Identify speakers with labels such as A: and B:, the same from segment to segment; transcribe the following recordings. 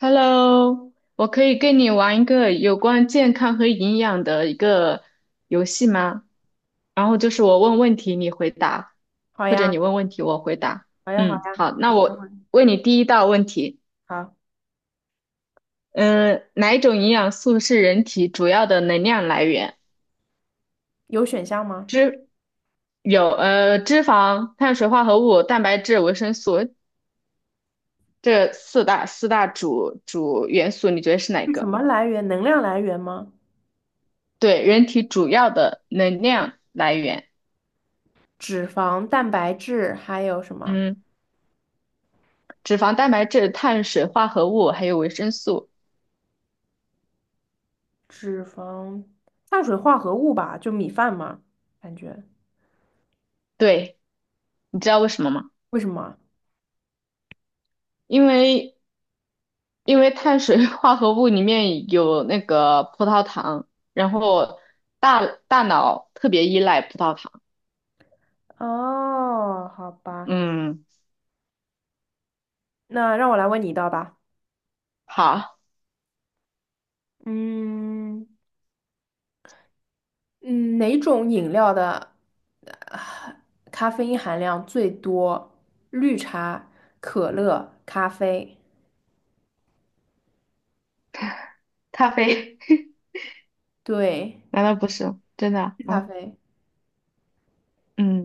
A: Hello，我可以跟你玩一个有关健康和营养的一个游戏吗？然后就是我问问题，你回答，
B: 好
A: 或者你
B: 呀，
A: 问问题，我回答。
B: 好呀，好呀，
A: 好，
B: 你
A: 那
B: 先
A: 我
B: 问。
A: 问你第一道问题，
B: 好，
A: 嗯，哪一种营养素是人体主要的能量来源？
B: 有选项吗？
A: 有脂肪、碳水化合物、蛋白质、维生素这四大主元素，你觉得是哪
B: 是什
A: 个？
B: 么来源？能量来源吗？
A: 对，人体主要的能量来源。
B: 脂肪、蛋白质，还有什么？
A: 嗯。脂肪、蛋白质、碳水化合物还有维生素。
B: 脂肪、碳水化合物吧，就米饭嘛，感觉。
A: 对，你知道为什么吗？
B: 为什么？
A: 因为因为碳水 化合物里面有那个葡萄糖，然后大脑特别依赖葡萄糖。
B: 哦，好吧，
A: 嗯，
B: 那让我来问你一道吧。
A: 好，
B: 嗯嗯，哪种饮料的呃咖啡因含量最多？绿茶、可乐、咖啡。
A: 咖啡，
B: 对，
A: 难道不是真的
B: 是咖
A: 啊？
B: 啡。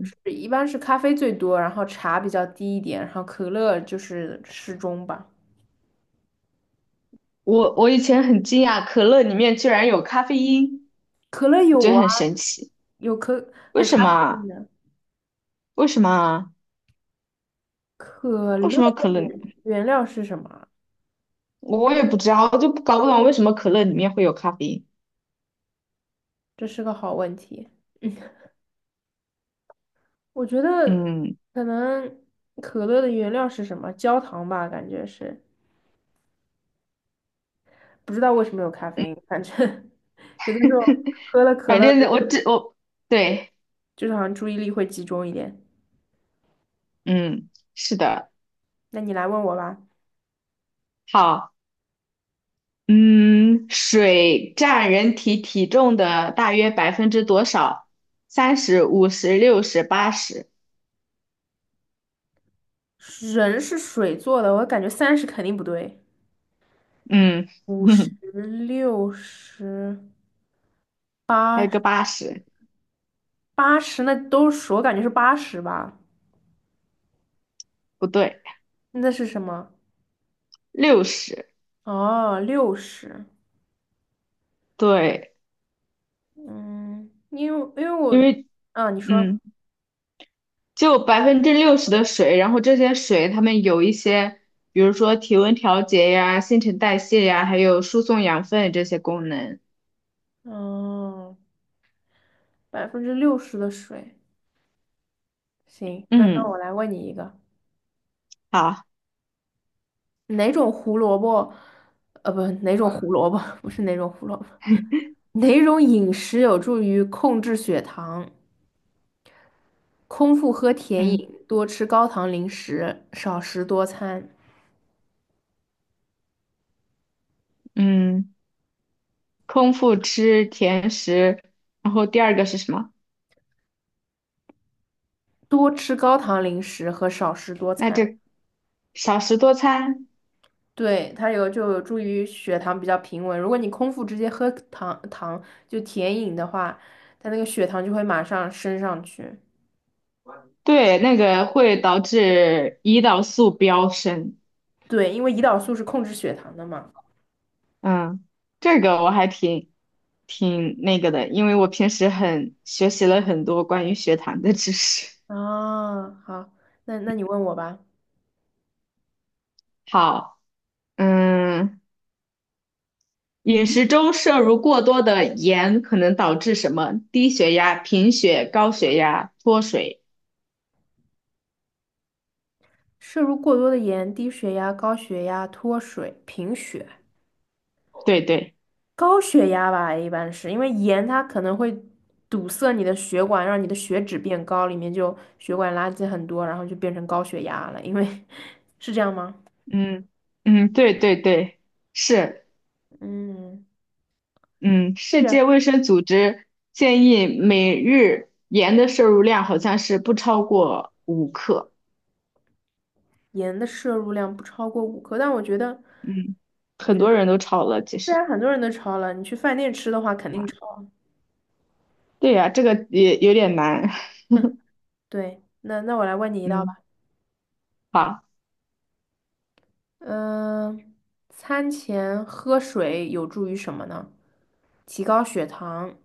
B: 是，一般是咖啡最多，然后茶比较低一点，然后可乐就是适中吧。
A: 我以前很惊讶，可乐里面居然有咖啡因，
B: 可乐
A: 我觉
B: 有
A: 得
B: 啊，
A: 很神奇。
B: 有可
A: 为
B: 有咖
A: 什么
B: 啡因
A: 啊？
B: 的。
A: 为什么啊？
B: 可
A: 为
B: 乐
A: 什么
B: 的
A: 可乐
B: 原
A: 里
B: 原料是什么啊？
A: 我也不知道，我就搞不懂为什么可乐里面会有咖啡因。
B: 这是个好问题。嗯，我觉得
A: 嗯
B: 可能可乐的原料是什么？焦糖吧，感觉是。不知道为什么有咖
A: 嗯，
B: 啡因，反正 有的时候喝了可
A: 反
B: 乐就
A: 正我这我对，
B: 就是好像注意力会集中一点。
A: 嗯，是的，
B: 那你来问我吧。
A: 好，嗯，水占人体体重的大约百分之多少？30、50、60、80，
B: 人是水做的，我感觉30肯定不对。
A: 嗯，
B: 50、六十、
A: 还有
B: 八
A: 个80，
B: 八十，那都是我感觉是八十吧？
A: 不对，
B: 那是什么？
A: 六十，
B: 哦，六十。
A: 对，
B: 嗯，因为我，
A: 因为
B: 啊，你说，
A: 嗯，就60%的水，然后这些水它们有一些，比如说体温调节呀、新陈代谢呀，还有输送养分这些功能，
B: 嗯，60%的水。行，那我
A: 嗯，
B: 来问你一个，
A: 好。
B: 哪种胡萝卜？不，哪种胡萝卜？不是哪种胡萝卜，哪种饮食有助于控制血糖？空腹喝甜
A: 嗯。
B: 饮，多吃高糖零食，少食多餐。
A: 嗯，空腹吃甜食，然后第二个是什么？
B: 多吃高糖零食和少食多
A: 那
B: 餐，
A: 这少食多餐，
B: 对，它有就有助于血糖比较平稳。如果你空腹直接喝糖糖就甜饮的话，它那个血糖就会马上升上去。
A: 对，那个会导致胰岛素飙升。
B: 对，因为胰岛素是控制血糖的嘛。
A: 嗯，这个我还挺那个的，因为我平时很学习了很多关于血糖的知识。
B: 啊，好，那你问我吧。
A: 好，嗯，饮食中摄入过多的盐可能导致什么？低血压、贫血、高血压、脱水。
B: 摄入过多的盐，低血压、高血压、脱水、贫血。
A: 对对。
B: 高血压吧，一般是因为盐它可能会堵塞你的血管，让你的血脂变高，里面就血管垃圾很多，然后就变成高血压了。因为 是这样吗？
A: 嗯嗯，对对对，是，
B: 嗯，
A: 嗯，
B: 这
A: 世
B: 个
A: 界卫生组织建议每日盐的摄入量好像是不超过5克，
B: 盐的摄入量不超过5克，但
A: 嗯，
B: 我
A: 很
B: 觉
A: 多
B: 得
A: 人都超了，其
B: 虽
A: 实，
B: 然很多人都超了，你去饭店吃的话肯定超。
A: 对呀，这个也有点难，
B: 对，那我来问你 一道
A: 嗯，
B: 吧。
A: 好，
B: 嗯、餐前喝水有助于什么呢？提高血糖。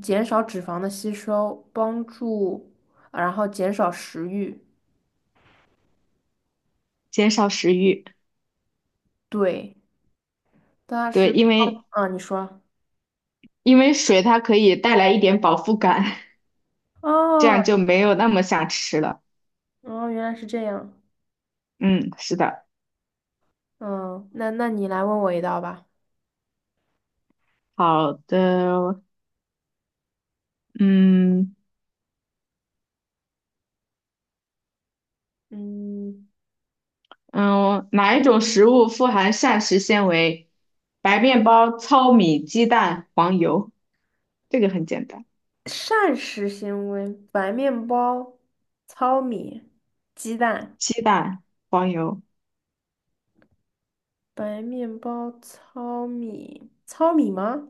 B: 减少脂肪的吸收，帮助，然后减少食欲。
A: 减少食欲，
B: 对，它
A: 对，
B: 是，
A: 因为
B: 啊，你说，
A: 因为水它可以带来一点饱腹感，这
B: 哦，
A: 样就没有那么想吃了，
B: 哦，原来是这样。
A: 嗯，是的，
B: 嗯，那你来问我一道吧。
A: 好的，嗯。
B: 嗯，
A: 嗯，哪一种食物富含膳食纤维？白面包、糙米、鸡蛋、黄油，这个很简单。
B: 膳食纤维：白面包、糙米、鸡蛋。
A: 鸡蛋、黄油，
B: 白面包、糙米，糙米吗？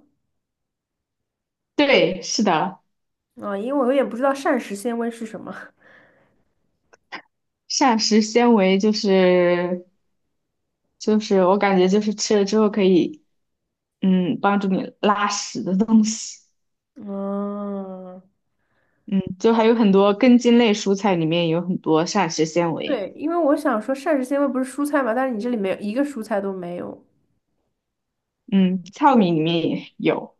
A: 对，是的，
B: 啊，因为我有点不知道膳食纤维是什么。
A: 膳食纤维就是我感觉就是吃了之后可以帮助你拉屎的东西。
B: 嗯，
A: 嗯，就还有很多根茎类蔬菜里面有很多膳食纤维。
B: 对，因为我想说膳食纤维不是蔬菜嘛，但是你这里没有一个蔬菜都没有。
A: 嗯，糙米里面也有。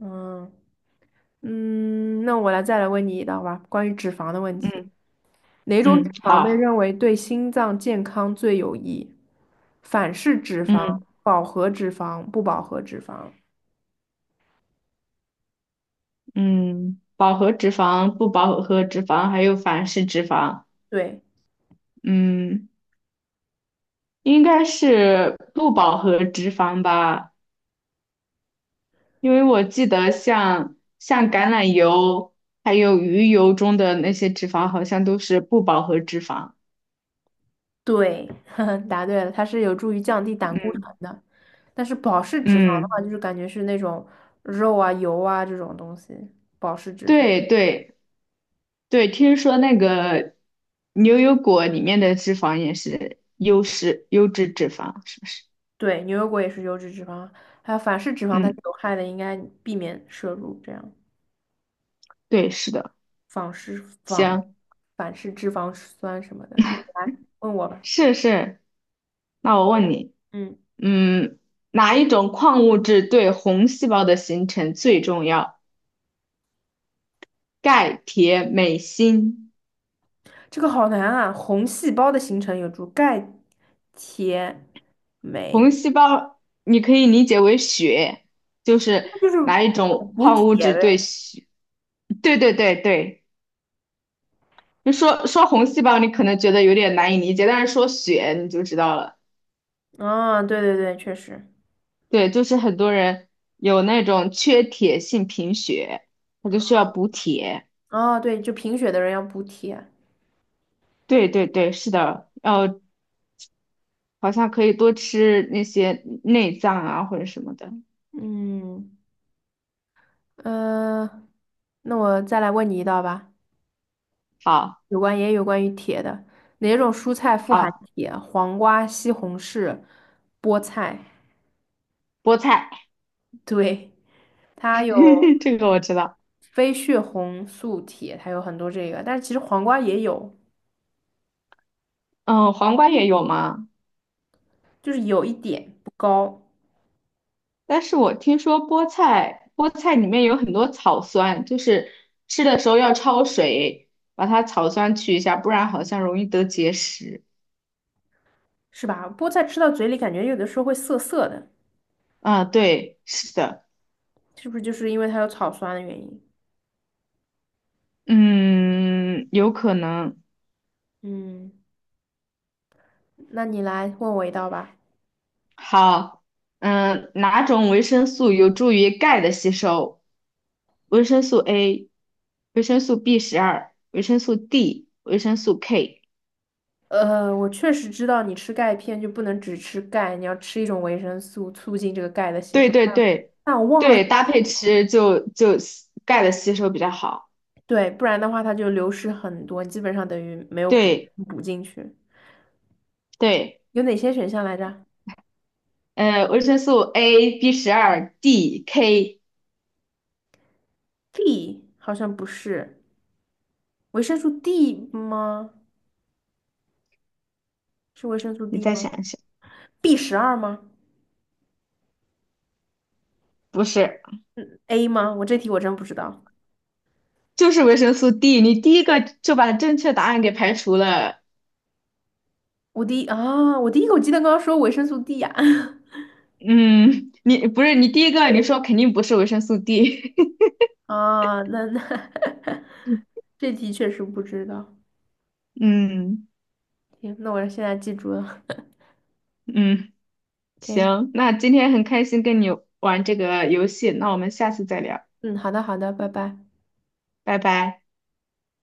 B: 嗯嗯，那我再来问你一道吧，关于脂肪的问题，
A: 嗯
B: 哪种脂
A: 嗯，
B: 肪被
A: 好，
B: 认为对心脏健康最有益？反式脂肪、
A: 嗯。
B: 饱和脂肪、不饱和脂肪。
A: 嗯，饱和脂肪、不饱和脂肪还有反式脂肪，
B: 对
A: 嗯，应该是不饱和脂肪吧，因为我记得像橄榄油还有鱼油中的那些脂肪好像都是不饱和脂肪。
B: 对，答对了，它是有助于降低胆固
A: 嗯
B: 醇的。但是饱式脂肪的
A: 嗯，
B: 话，就是感觉是那种肉啊、油啊这种东西，饱式脂肪。
A: 对对对，听说那个牛油果里面的脂肪也是优质脂肪，是不是？
B: 对，牛油果也是油脂脂肪，还有反式脂肪它是
A: 嗯，
B: 有害的，应该避免摄入这样
A: 对，是的。
B: 反式反
A: 行。
B: 反式脂肪酸什么的。那你来问我吧，
A: 是是，那我问你，
B: 嗯，
A: 嗯，哪一种矿物质对红细胞的形成最重要？钙、铁、镁、锌。
B: 这个好难啊。红细胞的形成有助钙、铁、
A: 红
B: 镁，
A: 细胞你可以理解为血，就是
B: 那就是
A: 哪一
B: 补
A: 种
B: 补
A: 矿物
B: 铁
A: 质对
B: 呗。
A: 血？对对对对，就说说红细胞，你可能觉得有点难以理解，但是说血你就知道了。
B: 啊，对对对，确实。
A: 对，就是很多人有那种缺铁性贫血，他就需要补铁。
B: 哦，对，就贫血的人要补铁。
A: 对对对，是的，好像可以多吃那些内脏啊或者什么的。
B: 嗯，呃，那我再来问你一道吧。
A: 好，
B: 有关也有关于铁的，哪种蔬菜富含
A: 好，
B: 铁？黄瓜、西红柿、菠菜。
A: 菠菜，
B: 对，它有
A: 这个我知道。
B: 非血红素铁，它有很多这个，但是其实黄瓜也有，
A: 嗯，黄瓜也有吗？
B: 就是有一点不高，
A: 但是我听说菠菜，菠菜里面有很多草酸，就是吃的时候要焯水，把它草酸去一下，不然好像容易得结石。
B: 是吧？菠菜吃到嘴里感觉有的时候会涩涩的，
A: 啊，对，是的，
B: 是不是就是因为它有草酸的原因？
A: 嗯，有可能。
B: 嗯，那你来问我一道吧。
A: 好，哪种维生素有助于钙的吸收？维生素 A、维生素 B 十二、维生素 D、维生素 K。
B: 我确实知道你吃钙片就不能只吃钙，你要吃一种维生素，促进这个钙的吸
A: 对
B: 收。
A: 对对
B: 但我忘了，
A: 对，搭配吃就钙的吸收比较好。
B: 对，不然的话它就流失很多，基本上等于没有补
A: 对
B: 补进去。
A: 对，
B: 有哪些选项来着
A: 维生素 A、B 十二、D、K，
B: d 好像不是维生素 D 吗？是维生素
A: 你
B: D 吗
A: 再想一想，
B: ？B12吗
A: 不是，
B: ？A 吗？我这题我真不知道。
A: 就是维生素 D，你第一个就把正确答案给排除了。
B: 我第一啊，我第一口记得刚刚说维生素 D 呀、
A: 嗯，你不是你第一个，你说肯定不是维生素 D。
B: 啊，那 这题确实不知道。
A: 嗯
B: 行，那我现在记住了。
A: 嗯，
B: OK，
A: 行，那今天很开心跟你玩这个游戏，那我们下次再聊，
B: 嗯，好的好的，拜拜。
A: 拜拜。